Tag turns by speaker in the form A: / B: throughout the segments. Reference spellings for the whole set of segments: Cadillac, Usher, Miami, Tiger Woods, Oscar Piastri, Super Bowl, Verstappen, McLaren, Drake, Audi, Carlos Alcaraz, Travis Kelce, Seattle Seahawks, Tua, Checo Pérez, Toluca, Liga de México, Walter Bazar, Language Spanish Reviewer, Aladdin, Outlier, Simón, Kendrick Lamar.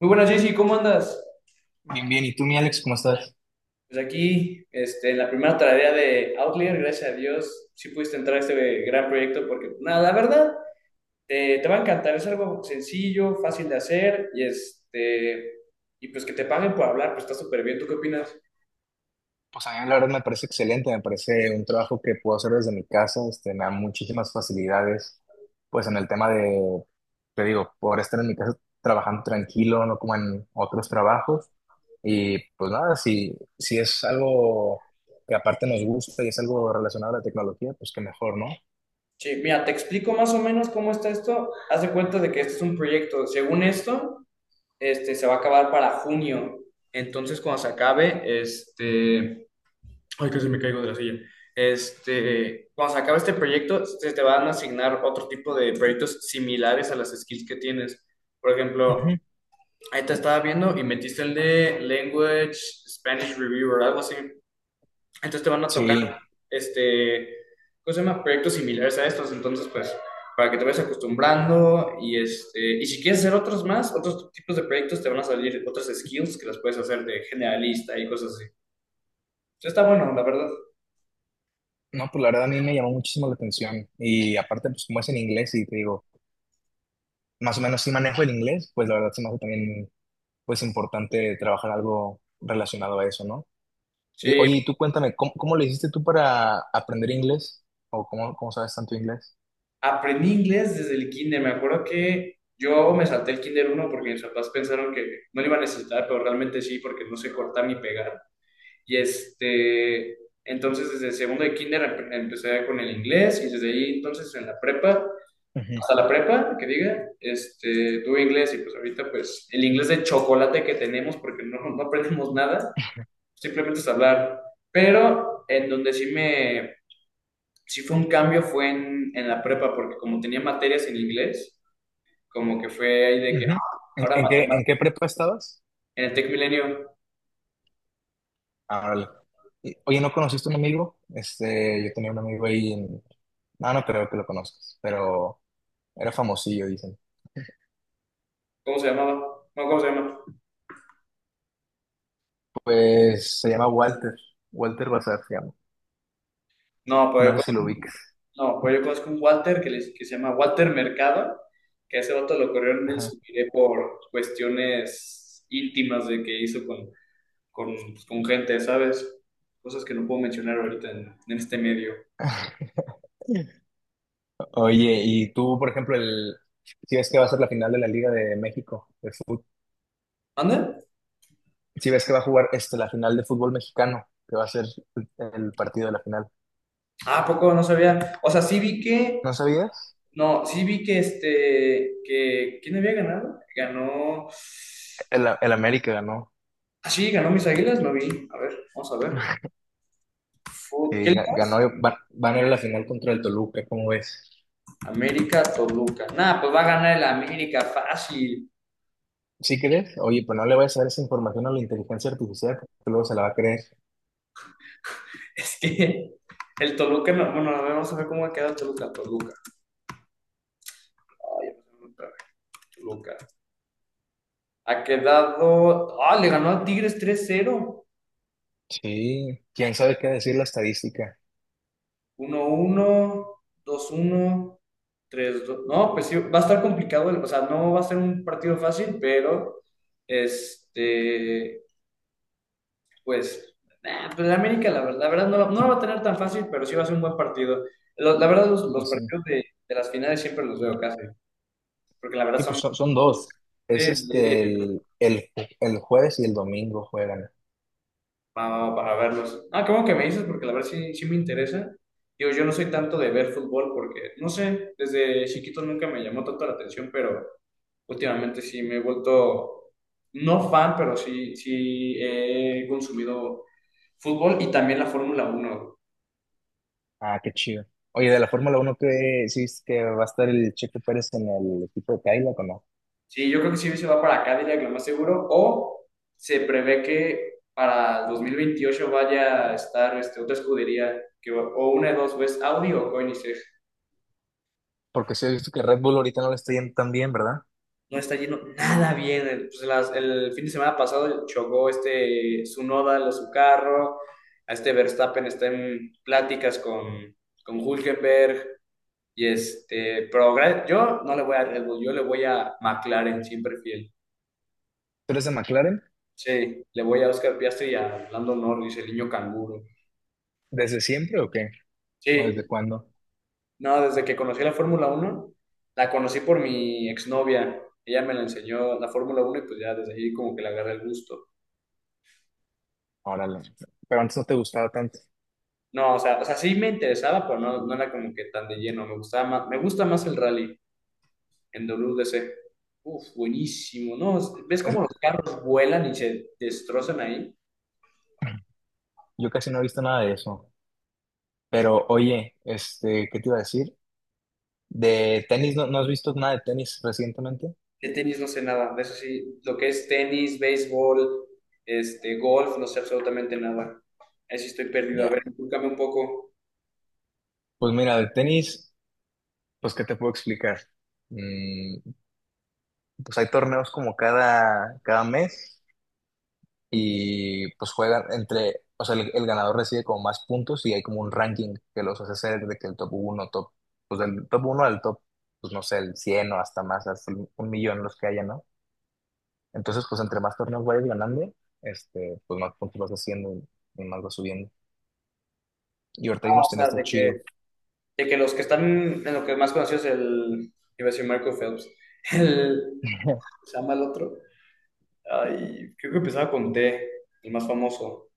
A: Muy buenas, Jessy, ¿cómo andas?
B: Bien, bien. ¿Y tú, mi Alex, cómo estás?
A: Pues aquí, en la primera tarea de Outlier, gracias a Dios, sí pudiste entrar a este gran proyecto porque, pues, nada, la verdad, te va a encantar. Es algo sencillo, fácil de hacer y, y pues que te paguen por hablar, pues está súper bien. ¿Tú qué opinas?
B: Pues a mí la verdad me parece excelente, me parece un trabajo que puedo hacer desde mi casa, me da muchísimas facilidades, pues en el tema de, te digo, poder estar en mi casa trabajando tranquilo, no como en otros trabajos. Y pues nada, si, si es algo que aparte nos gusta y es algo relacionado a la tecnología, pues qué mejor, ¿no?
A: Sí, mira, te explico más o menos cómo está esto. Haz de cuenta de que este es un proyecto. Según esto, se va a acabar para junio. Entonces, cuando se acabe, este... Ay, casi me caigo de la silla. Este, cuando se acabe este proyecto, se te van a asignar otro tipo de proyectos similares a las skills que tienes. Por ejemplo,
B: Ujú.
A: ahí te estaba viendo y metiste el de Language Spanish Reviewer, algo así. Entonces te van a tocar,
B: Sí,
A: este, ¿cómo se llama? Proyectos similares a estos. Entonces, pues, para que te vayas acostumbrando y este, y si quieres hacer otros más, otros tipos de proyectos, te van a salir otras skills que las puedes hacer de generalista y cosas así. Entonces, está bueno, la verdad.
B: no, pues la verdad a mí me llamó muchísimo la atención y aparte pues como es en inglés y te digo, más o menos sí manejo el inglés, pues la verdad se me hace también pues importante trabajar algo relacionado a eso, ¿no? Y
A: Sí,
B: oye, y tú cuéntame, ¿cómo le hiciste tú para aprender inglés? ¿O cómo sabes tanto inglés?
A: aprendí inglés desde el kinder. Me acuerdo que yo me salté el kinder uno porque mis papás pensaron que no lo iba a necesitar, pero realmente sí, porque no sé cortar ni pegar. Y este, entonces desde segundo de kinder empecé con el inglés y desde ahí entonces en la prepa, hasta
B: Ujú,
A: la prepa, que diga, este, tuve inglés y pues ahorita pues el inglés de chocolate que tenemos porque no aprendemos nada, simplemente es hablar. Pero en donde sí me si fue un cambio fue en la prepa, porque como tenía materias en inglés, como que fue ahí de que, ah,
B: ujú. ¿En,
A: ahora
B: en qué, en qué
A: matemáticas,
B: prepa estabas?
A: en el Tech Milenio,
B: Ah, órale. Y, oye, ¿no conociste un amigo? Yo tenía un amigo ahí en... No, no creo que lo conozcas, pero era famosillo, dicen.
A: ¿cómo se llamaba? No, ¿cómo se llama?
B: Pues se llama Walter, Walter Bazar se llama.
A: No, pues
B: No
A: yo
B: sé si lo ubiques.
A: conozco, no, pues yo conozco un Walter que, que se llama Walter Mercado, que a ese vato lo corrieron del
B: Ajá.
A: Subiré por cuestiones íntimas de que hizo con, pues, con gente, ¿sabes? Cosas que no puedo mencionar ahorita en este medio.
B: Oye, y tú, por ejemplo, si ves que va a ser la final de la Liga de México de fútbol,
A: ¿Anda?
B: si ves que va a jugar la final de fútbol mexicano, que va a ser el, el partido de la final.
A: Ah, ¿a poco no sabía? O sea, sí vi que
B: ¿No sabías?
A: no, sí vi que que, ¿quién había ganado? Ganó,
B: El América ganó,
A: ah, sí, ganó mis Águilas, no vi, a ver, vamos a ver, Fu- ¿qué
B: y
A: liga?
B: ganó, van a ir a la final contra el Toluca, ¿cómo ves?
A: América, Toluca, nada, pues va a ganar el América, fácil,
B: ¿Sí crees? Oye, pues no le vayas a dar esa información a la inteligencia artificial, porque luego se la va a creer.
A: es que el Toluca, no, bueno, a ver, vamos a ver cómo ha quedado Toluca, Toluca, ay, otra vez, Toluca, ha quedado, ah, le ganó a Tigres 3-0,
B: Sí, quién sabe qué decir la estadística.
A: uno uno dos uno tres dos. No, pues sí, va a estar complicado, o sea, no va a ser un partido fácil, pero este, pues, nah, pues la América, la, ver- la verdad, no, la- no la va a tener tan fácil, pero sí va a ser un buen partido. Lo- la verdad, los
B: Pues sí.
A: partidos de las finales siempre los veo casi, porque la verdad
B: Sí, pues
A: son
B: son, son dos. Es
A: de, de-
B: el jueves y el domingo juegan.
A: para verlos. Ah, qué bueno que me dices, porque la verdad sí, sí me interesa. Digo, yo no soy tanto de ver fútbol porque, no sé, desde chiquito nunca me llamó tanto la atención, pero. Últimamente sí me he vuelto, no fan, pero sí, sí he consumido fútbol y también la Fórmula uno.
B: Ah, qué chido. Oye, de la Fórmula Uno, ¿qué sí es que va a estar el Checo Pérez en el equipo de Cadillac o no?
A: Sí, yo creo que sí se va para Cadillac, lo más seguro, o se prevé que para 2028 vaya a estar este, otra escudería, que, va- o una de dos, o es Audi o Koenigsegg.
B: Porque sí he visto que Red Bull ahorita no le está yendo tan bien, ¿verdad?
A: No está yendo nada bien. El, pues, las- el fin de semana pasado chocó este Tsunoda, lo- su carro, a este Verstappen está en pláticas con Hülkenberg. Y este, pero gra- yo no le voy a Red Bull, yo le voy a McLaren, siempre fiel.
B: ¿Tú eres de McLaren?
A: Sí, le voy a Oscar Piastri y a Lando Norris, el niño canguro.
B: ¿Desde siempre o qué? ¿O
A: Sí,
B: desde cuándo?
A: no, desde que conocí la Fórmula Uno la conocí por mi exnovia. Ella me la enseñó la Fórmula Uno y pues ya desde ahí como que le agarré el gusto.
B: Órale. Pero antes no te gustaba tanto.
A: No, o sea, sí me interesaba, pero no, no era como que tan de lleno. Me gustaba más, me gusta más el rally en WDC. Uf, buenísimo, ¿no? ¿Ves
B: Es-
A: cómo los carros vuelan y se destrozan ahí?
B: Yo casi no he visto nada de eso. Pero oye, ¿qué te iba a decir? ¿De tenis no, no has visto nada de tenis recientemente?
A: De tenis no sé nada, de eso sí, lo que es tenis, béisbol, este, golf, no sé absolutamente nada. Ahí sí estoy perdido. A
B: Ya.
A: ver, inculcame un poco.
B: Pues mira, de tenis, pues ¿qué te puedo explicar? Mm, pues hay torneos como cada mes. Y pues juegan entre, o sea, el ganador recibe como más puntos y hay como un ranking que los hace ser de que el top uno pues del top uno al top, pues no sé, el 100 o hasta más, un millón los que haya, ¿no? Entonces, pues entre más torneos vayas ganando, pues más puntos vas haciendo y más vas subiendo. Y ahorita hay
A: Ah,
B: unos
A: o sea,
B: tenistas chidos.
A: de que los que están en lo que más conocido es el, iba a decir Marco Phelps, el, ¿se llama el otro? Ay, creo que empezaba con T, el más famoso.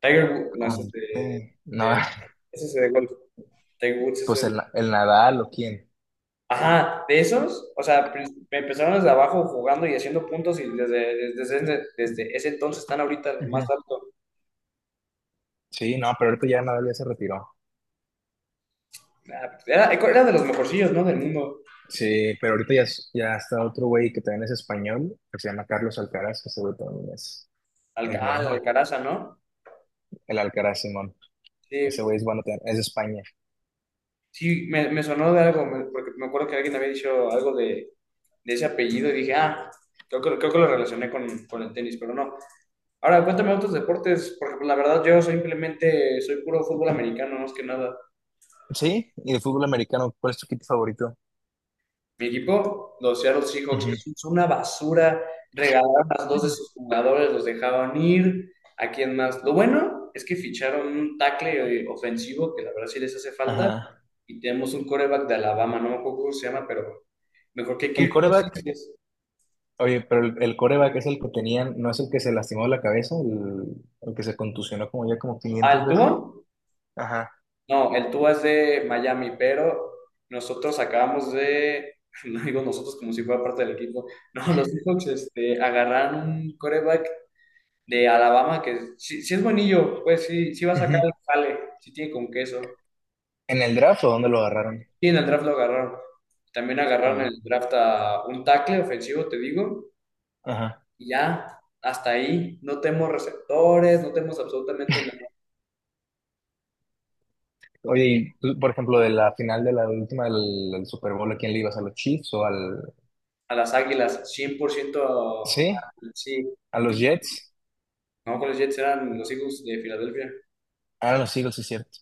A: Tiger Woods, no, ese es de,
B: Conté. No,
A: de- ese es de golf. Tiger Woods es
B: pues
A: el.
B: el Nadal o quién.
A: Ajá, de esos, o sea, pr- empezaron desde abajo jugando y haciendo puntos y desde, desde, desde- desde ese entonces están ahorita lo más
B: Ujú.
A: alto.
B: Sí, no, pero ahorita ya Nadal ya se retiró.
A: Ah, era, era de los mejorcillos, ¿no? Del mundo.
B: Sí, pero ahorita ya, ya está otro güey que también es español, que se llama Carlos Alcaraz, que ese güey también es
A: Alca- ah, la
B: bueno.
A: Alcaraza, ¿no?
B: El Alcaraz, Simón.
A: Sí,
B: Ese güey es bueno también, es de España.
A: sí, me sonó de algo, me- porque me acuerdo que alguien había dicho algo de ese apellido y dije, ah, creo que lo relacioné con el tenis, pero no. Ahora, cuéntame otros deportes, porque pues, la verdad yo simplemente soy puro fútbol americano, más que nada.
B: Sí, y de fútbol americano, ¿cuál es tu equipo favorito?
A: Mi equipo, los Seattle Seahawks, que
B: Ujú.
A: son una basura, regalaron a dos de sus jugadores, los dejaban ir. ¿A quién más? Lo bueno es que ficharon un tackle ofensivo, que la verdad sí les hace falta,
B: Ajá.
A: y tenemos un coreback de Alabama, no me acuerdo cómo se llama, pero mejor que
B: El
A: Kirk
B: coreback,
A: Cousins.
B: oye, pero el coreback es el que tenían, ¿no es el que se lastimó la cabeza? El que se contusionó como ya como
A: Ah,
B: 500
A: ¿el
B: veces.
A: Tua?
B: Ajá.
A: No, el Tua es de Miami, pero nosotros acabamos de, no digo nosotros como si fuera parte del equipo, no, los Seahawks este, agarraron un coreback de Alabama, que si, si es buenillo, pues sí, sí va a sacar
B: Ujú.
A: el jale, si tiene con queso.
B: ¿En el draft o dónde lo agarraron?
A: Y en el draft lo agarraron. También agarraron en
B: Ah,
A: el draft a un tackle ofensivo, te digo,
B: ajá.
A: y ya, hasta ahí. No tenemos receptores, no tenemos absolutamente nada.
B: Oye, y tú, por ejemplo, de la final de la última del Super Bowl, ¿a quién le ibas? ¿A los Chiefs o al...
A: A las Águilas, 100%, a-
B: Sí,
A: sí.
B: a los Jets?
A: No, con los Jets eran los Eagles de Filadelfia.
B: Ah, a los Eagles, sí, es cierto.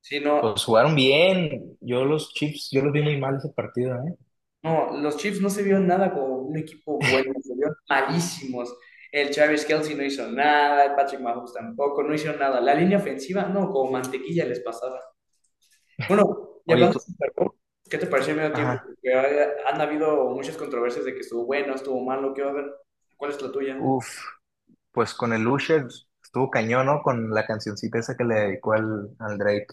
A: Sí, no,
B: Pues jugaron bien. Yo los Chiefs, yo los vi muy mal ese partido, ¿eh?
A: no, los Chiefs no se vieron nada como un equipo bueno, se vieron malísimos. El Travis Kelce no hizo nada, el Patrick Mahomes tampoco, no hizo nada. La línea ofensiva, no, como mantequilla les pasaba. Bueno, y
B: Oye,
A: hablando de
B: tú...
A: Super Bowl, ¿qué te pareció el medio tiempo?
B: Ajá.
A: Porque ha- han habido muchas controversias de que estuvo bueno, estuvo malo, ¿qué va a haber? ¿Cuál es la tuya?
B: Uf, pues con el Usher estuvo cañón, ¿no? Con la cancioncita esa que le dedicó al Drake.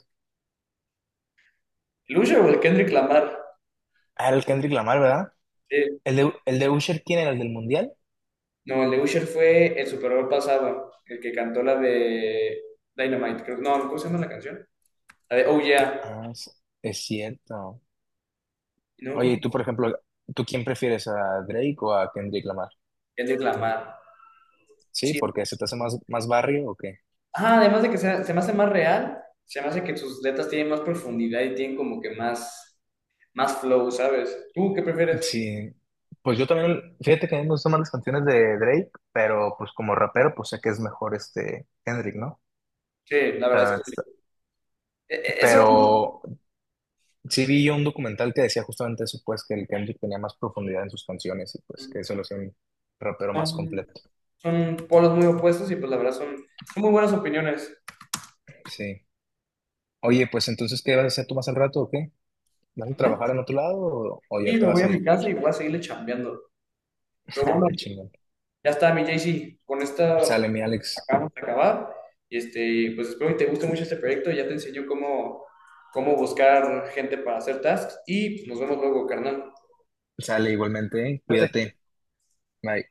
A: ¿El Usher o el Kendrick Lamar?
B: Ah, el Kendrick Lamar, ¿verdad?
A: Sí.
B: ¿El el de Usher quién era? ¿El del Mundial?
A: No, el de Usher fue el Super Bowl pasado, el que cantó la de Dynamite, creo. No, ¿cómo se llama la canción? La de Oh Yeah.
B: Ah, es cierto.
A: No,
B: Oye, y tú,
A: ¿cómo?
B: por ejemplo, ¿tú quién prefieres? ¿A Drake o a Kendrick Lamar?
A: Kendrick Lamar.
B: Sí,
A: Sí.
B: porque se te hace más, más barrio o qué.
A: Ajá, además de que se me hace más real, se me hace que sus letras tienen más profundidad y tienen como que más, más flow, ¿sabes? ¿Tú qué prefieres?
B: Sí, pues yo también, fíjate que a mí me gustan más las canciones de Drake, pero pues como rapero, pues sé que es mejor este Kendrick, ¿no?
A: Sí, la
B: O sea,
A: verdad
B: la
A: es
B: neta está-
A: que eso
B: Pero
A: son,
B: sí vi yo un documental que decía justamente eso, pues que el Kendrick tenía más profundidad en sus canciones y pues que eso lo hacía un rapero más completo.
A: son polos muy opuestos y pues la verdad son, son muy buenas opiniones.
B: Sí. Oye, pues entonces, ¿qué vas a hacer tú más al rato o qué? ¿Vas a trabajar
A: ¿Dónde?
B: en otro lado o ya
A: Sí,
B: te
A: me voy
B: vas
A: a
B: a
A: mi
B: ir?
A: casa y voy a seguirle chambeando. Pero
B: Ah,
A: bueno,
B: qué chingón.
A: ya está, mi JC. Con esta
B: Sale mi Alex.
A: acabamos de acabar. Y este, pues espero que te guste mucho este proyecto. Ya te enseño cómo, cómo buscar gente para hacer tasks. Y pues, nos vemos luego, carnal.
B: Sale igualmente, ¿eh?
A: Artes.
B: Cuídate. Bye.